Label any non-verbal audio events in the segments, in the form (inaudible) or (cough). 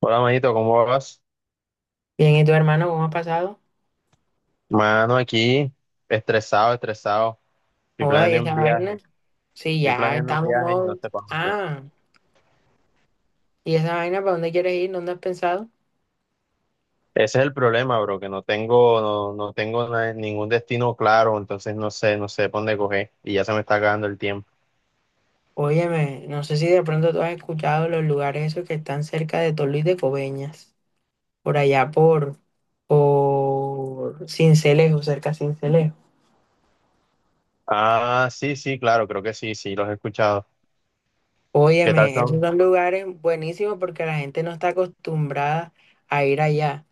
Hola, manito, ¿cómo vas? Bien, ¿y tu hermano cómo ha pasado? Mano, aquí, estresado, estresado. Estoy Joda, ¿y planeando un esa viaje, vaina? Sí, Estoy ya planeando un estamos viaje y no modo. sé para dónde. Ah, ¿y esa vaina para dónde quieres ir? ¿Dónde has pensado? Ese es el problema, bro, que no tengo ningún destino claro, entonces no sé por dónde coger y ya se me está acabando el tiempo. Óyeme, no sé si de pronto tú has escuchado los lugares esos que están cerca de Tolú y de Coveñas, por allá por Cincelejo, cerca de Cincelejo. Ah, sí, sí, claro, creo que sí, sí, los he escuchado. ¿Qué tal Óyeme, esos son? son lugares buenísimos porque la gente no está acostumbrada a ir allá.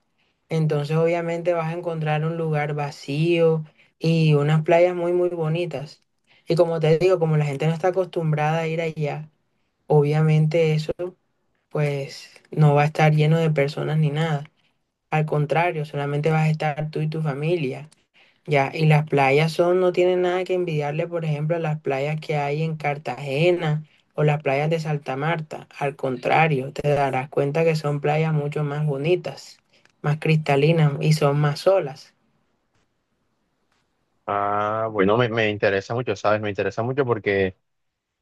Entonces obviamente vas a encontrar un lugar vacío y unas playas muy muy bonitas. Y como te digo, como la gente no está acostumbrada a ir allá, obviamente eso pues no va a estar lleno de personas ni nada. Al contrario, solamente vas a estar tú y tu familia. Ya, y las playas son, no tienen nada que envidiarle, por ejemplo, a las playas que hay en Cartagena o las playas de Santa Marta. Al contrario, te darás cuenta que son playas mucho más bonitas, más cristalinas y son más olas. Ah, bueno, me interesa mucho, ¿sabes? Me interesa mucho porque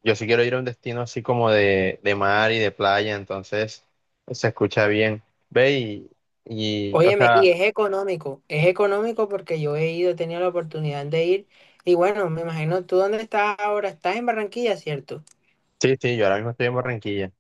yo sí quiero ir a un destino así como de mar y de playa, entonces se escucha bien. Ve y, o Óyeme, sea, y es económico porque yo he ido, he tenido la oportunidad de ir. Y bueno, me imagino tú dónde estás ahora, estás en Barranquilla, ¿cierto? Sí, sí, yo ahora mismo estoy en Barranquilla.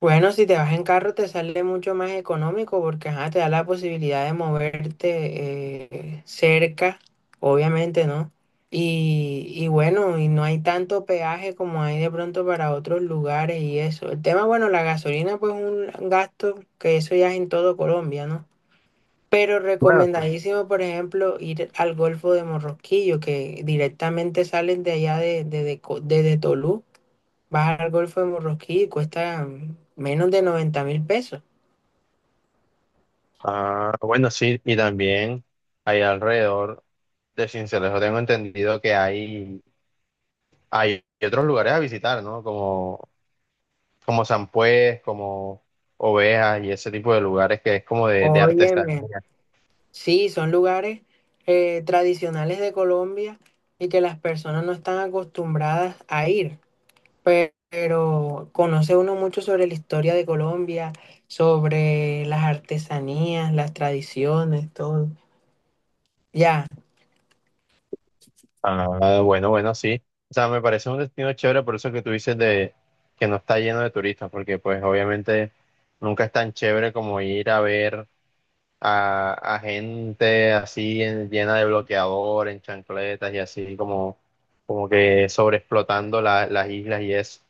Bueno, si te vas en carro te sale mucho más económico porque ajá, te da la posibilidad de moverte cerca, obviamente, ¿no? Y bueno, y no hay tanto peaje como hay de pronto para otros lugares y eso. El tema, bueno, la gasolina pues es un gasto que eso ya es en todo Colombia, ¿no? Pero Bueno, sí. recomendadísimo, por ejemplo, ir al Golfo de Morrosquillo, que directamente salen de allá desde Tolú. Vas al Golfo de Morroquí y cuesta menos de 90.000 pesos. Ah, bueno, sí, y también ahí alrededor de Sincelejo tengo entendido que hay otros lugares a visitar, ¿no? Como San Pues, como Ovejas y ese tipo de lugares que es como de Óyeme, artesanía. sí, son lugares tradicionales de Colombia y que las personas no están acostumbradas a ir, pero, conoce uno mucho sobre la historia de Colombia, sobre las artesanías, las tradiciones, todo. Ya, Ah, bueno, bueno, sí. O sea, me parece un destino chévere, por eso que tú dices de que no está lleno de turistas, porque pues obviamente nunca es tan chévere como ir a ver a gente así llena de bloqueador, en chancletas y así como que sobreexplotando las islas y eso.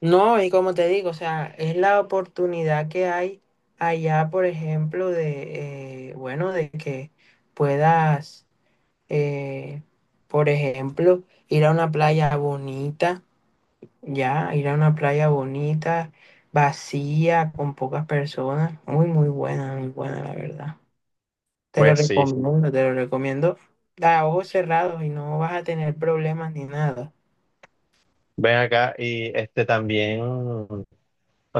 no, y como te digo, o sea, es la oportunidad que hay allá, por ejemplo, bueno, de que puedas eh, por ejemplo, ir a una playa bonita, ya, ir a una playa bonita, vacía, con pocas personas. Muy, muy buena, la verdad. Pues sí, sí. Te lo recomiendo a ojos cerrados y no vas a tener problemas ni nada. Ven acá y este también, o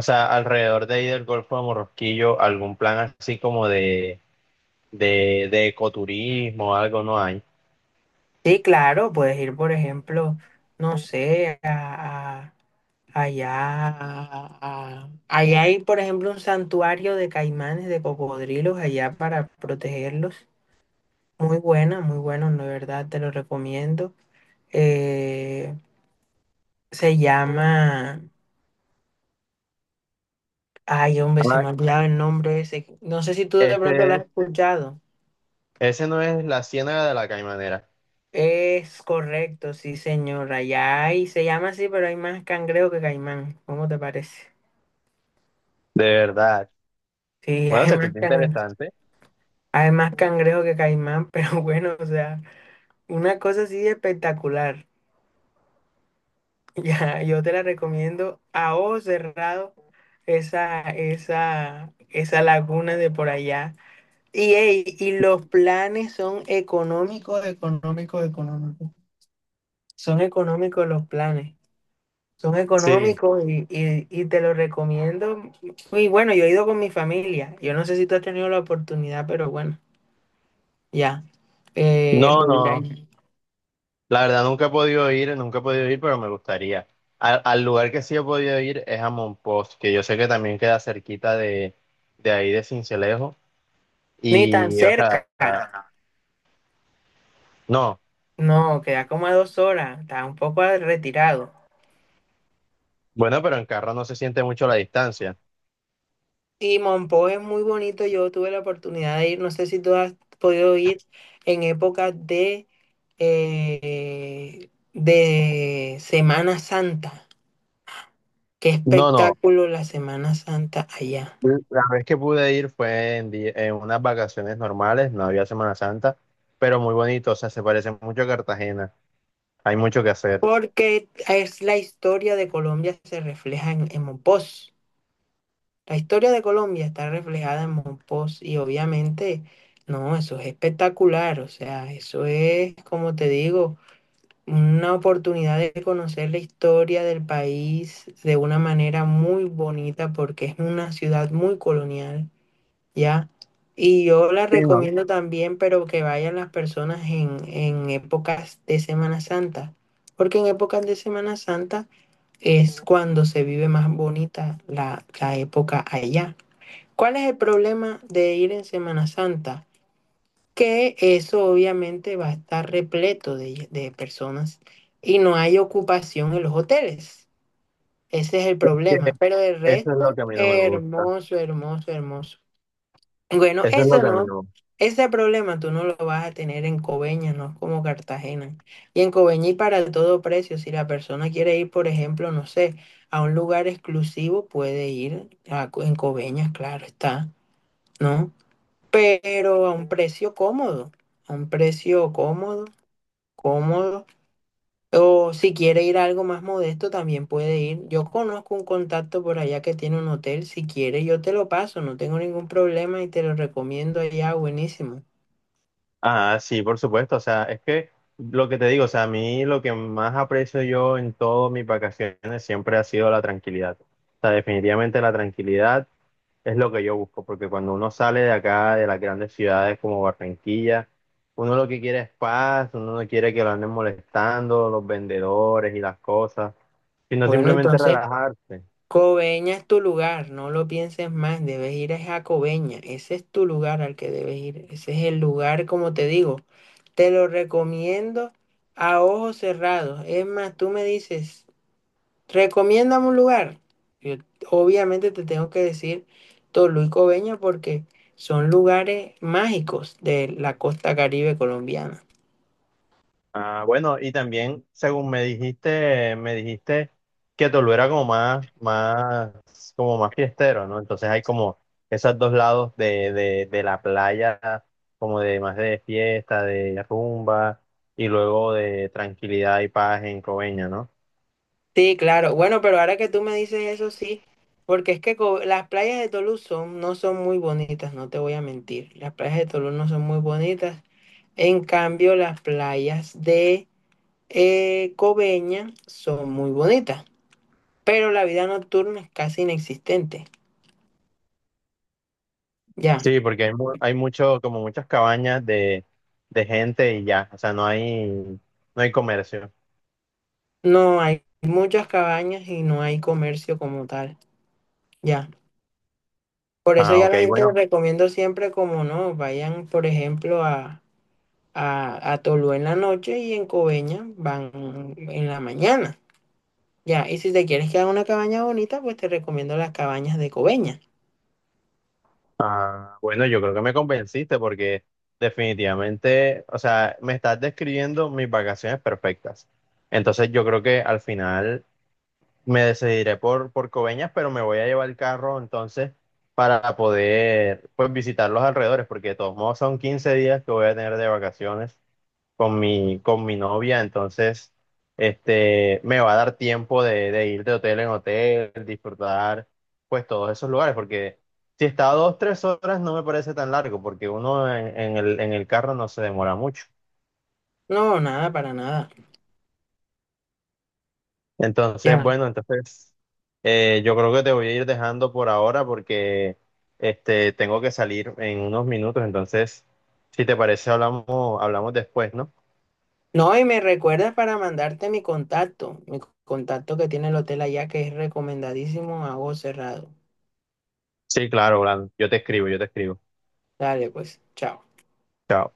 sea, alrededor de ahí del Golfo de Morrosquillo, algún plan así como de ecoturismo, algo no hay. Sí, claro, puedes ir, por ejemplo, no sé, allá hay, por ejemplo, un santuario de caimanes, de cocodrilos allá para protegerlos. Muy buena, muy bueno de verdad te lo recomiendo. Eh, Se llama, ay hombre, se me ha olvidado el nombre ese. No sé si tú de pronto lo Ese, has escuchado. ese no es la Ciénaga de la Caimanera, Es correcto, sí señora. Allá hay, se llama así, pero hay más cangrejo que caimán. ¿Cómo te parece? de verdad. Sí, (laughs) Bueno, se escucha interesante. hay más cangrejo que caimán, pero bueno, o sea, una cosa así espectacular. (laughs) Ya, yo te la recomiendo a ojos cerrado esa laguna de por allá. Y, ey, y los planes son económicos, económicos, económicos. Son económicos los planes. Son Sí. económicos y te los recomiendo. Y bueno, yo he ido con mi familia. Yo no sé si tú has tenido la oportunidad, pero bueno, ya. No, De ir no, ahí. la verdad nunca he podido ir, nunca he podido ir, pero me gustaría. Al lugar que sí he podido ir es a Monpós, que yo sé que también queda cerquita de ahí de Sincelejo. Ni tan Y, o sea, cerca. No, no, no. no, No, queda como a 2 horas. Está un poco retirado. bueno, pero en carro no se siente mucho la distancia. Sí, Monpó es muy bonito. Yo tuve la oportunidad de ir. No sé si tú has podido ir en época de Semana Santa. Qué No, no, espectáculo la Semana Santa allá. la vez que pude ir fue en unas vacaciones normales, no había Semana Santa, pero muy bonito, o sea, se parece mucho a Cartagena. Hay mucho que hacer. Porque es la historia de Colombia se refleja en Mompós. La historia de Colombia está reflejada en Mompós y obviamente, no, eso es espectacular. O sea, eso es, como te digo, una oportunidad de conocer la historia del país de una manera muy bonita porque es una ciudad muy colonial, ¿ya? Y yo la Sí, no, recomiendo también, pero que vayan las personas en épocas de Semana Santa, porque en épocas de Semana Santa es cuando se vive más bonita la época allá. ¿Cuál es el problema de ir en Semana Santa? Que eso obviamente va a estar repleto de personas y no hay ocupación en los hoteles. Ese es el que problema. Pero el eso es lo resto, que a mí no me gusta. hermoso, hermoso, hermoso. Bueno, Eso es lo eso que a mí no, no. me gusta. ese problema tú no lo vas a tener en Coveñas, no es como Cartagena. Y en Coveñas y para todo precio, si la persona quiere ir, por ejemplo, no sé, a un lugar exclusivo, puede ir en Coveñas, claro está, ¿no? Pero a un precio cómodo, a un precio cómodo, cómodo. O si quiere ir a algo más modesto, también puede ir. Yo conozco un contacto por allá que tiene un hotel. Si quiere, yo te lo paso, no tengo ningún problema y te lo recomiendo allá, buenísimo. Ah, sí, por supuesto. O sea, es que lo que te digo, o sea, a mí lo que más aprecio yo en todas mis vacaciones siempre ha sido la tranquilidad. O sea, definitivamente la tranquilidad es lo que yo busco, porque cuando uno sale de acá, de las grandes ciudades como Barranquilla, uno lo que quiere es paz, uno no quiere que lo anden molestando los vendedores y las cosas, sino Bueno, simplemente entonces, relajarse. Coveña es tu lugar, no lo pienses más, debes ir es a Coveña. Ese es tu lugar al que debes ir. Ese es el lugar, como te digo, te lo recomiendo a ojos cerrados. Es más, tú me dices, recomiéndame un lugar. Yo, obviamente te tengo que decir Tolú y Coveñas porque son lugares mágicos de la costa Caribe colombiana. Ah, bueno, y también, según me me dijiste que Toluera era como más, como más fiestero, ¿no? Entonces hay como esos dos lados de la playa, como de más de fiesta, de rumba, y luego de tranquilidad y paz en Coveña, ¿no? Sí, claro. Bueno, pero ahora que tú me dices eso, sí, porque es que Co- las playas de Tolú no son muy bonitas, no te voy a mentir. Las playas de Tolú no son muy bonitas. En cambio, las playas de Coveñas son muy bonitas, pero la vida nocturna es casi inexistente. Ya. Sí, porque hay mucho, como muchas cabañas de gente y ya, o sea, no hay comercio. No, hay muchas cabañas y no hay comercio como tal, ya. Por eso Ah, ya ok, la gente les bueno. recomiendo siempre como no, vayan, por ejemplo, a Tolú en la noche y en Coveña van en la mañana, ya. Y si te quieres quedar en una cabaña bonita, pues te recomiendo las cabañas de Coveña. Ah, bueno, yo creo que me convenciste porque definitivamente, o sea, me estás describiendo mis vacaciones perfectas. Entonces yo creo que al final me decidiré por Coveñas, pero me voy a llevar el carro entonces para poder pues visitar los alrededores, porque de todos modos son 15 días que voy a tener de vacaciones con mi novia, entonces este, me va a dar tiempo de ir de hotel en hotel, disfrutar pues todos esos lugares, porque si está a 2, 3 horas no me parece tan largo, porque uno en el carro no se demora mucho. No, nada, para nada, Entonces, ya. bueno, entonces yo creo que te voy a ir dejando por ahora porque este, tengo que salir en unos minutos, entonces si te parece hablamos, hablamos después, ¿no? No, y me recuerdas para mandarte mi contacto que tiene el hotel allá, que es recomendadísimo a vos cerrado. Sí, claro, Blan, yo te escribo, yo te escribo. Dale, pues, chao. Chao.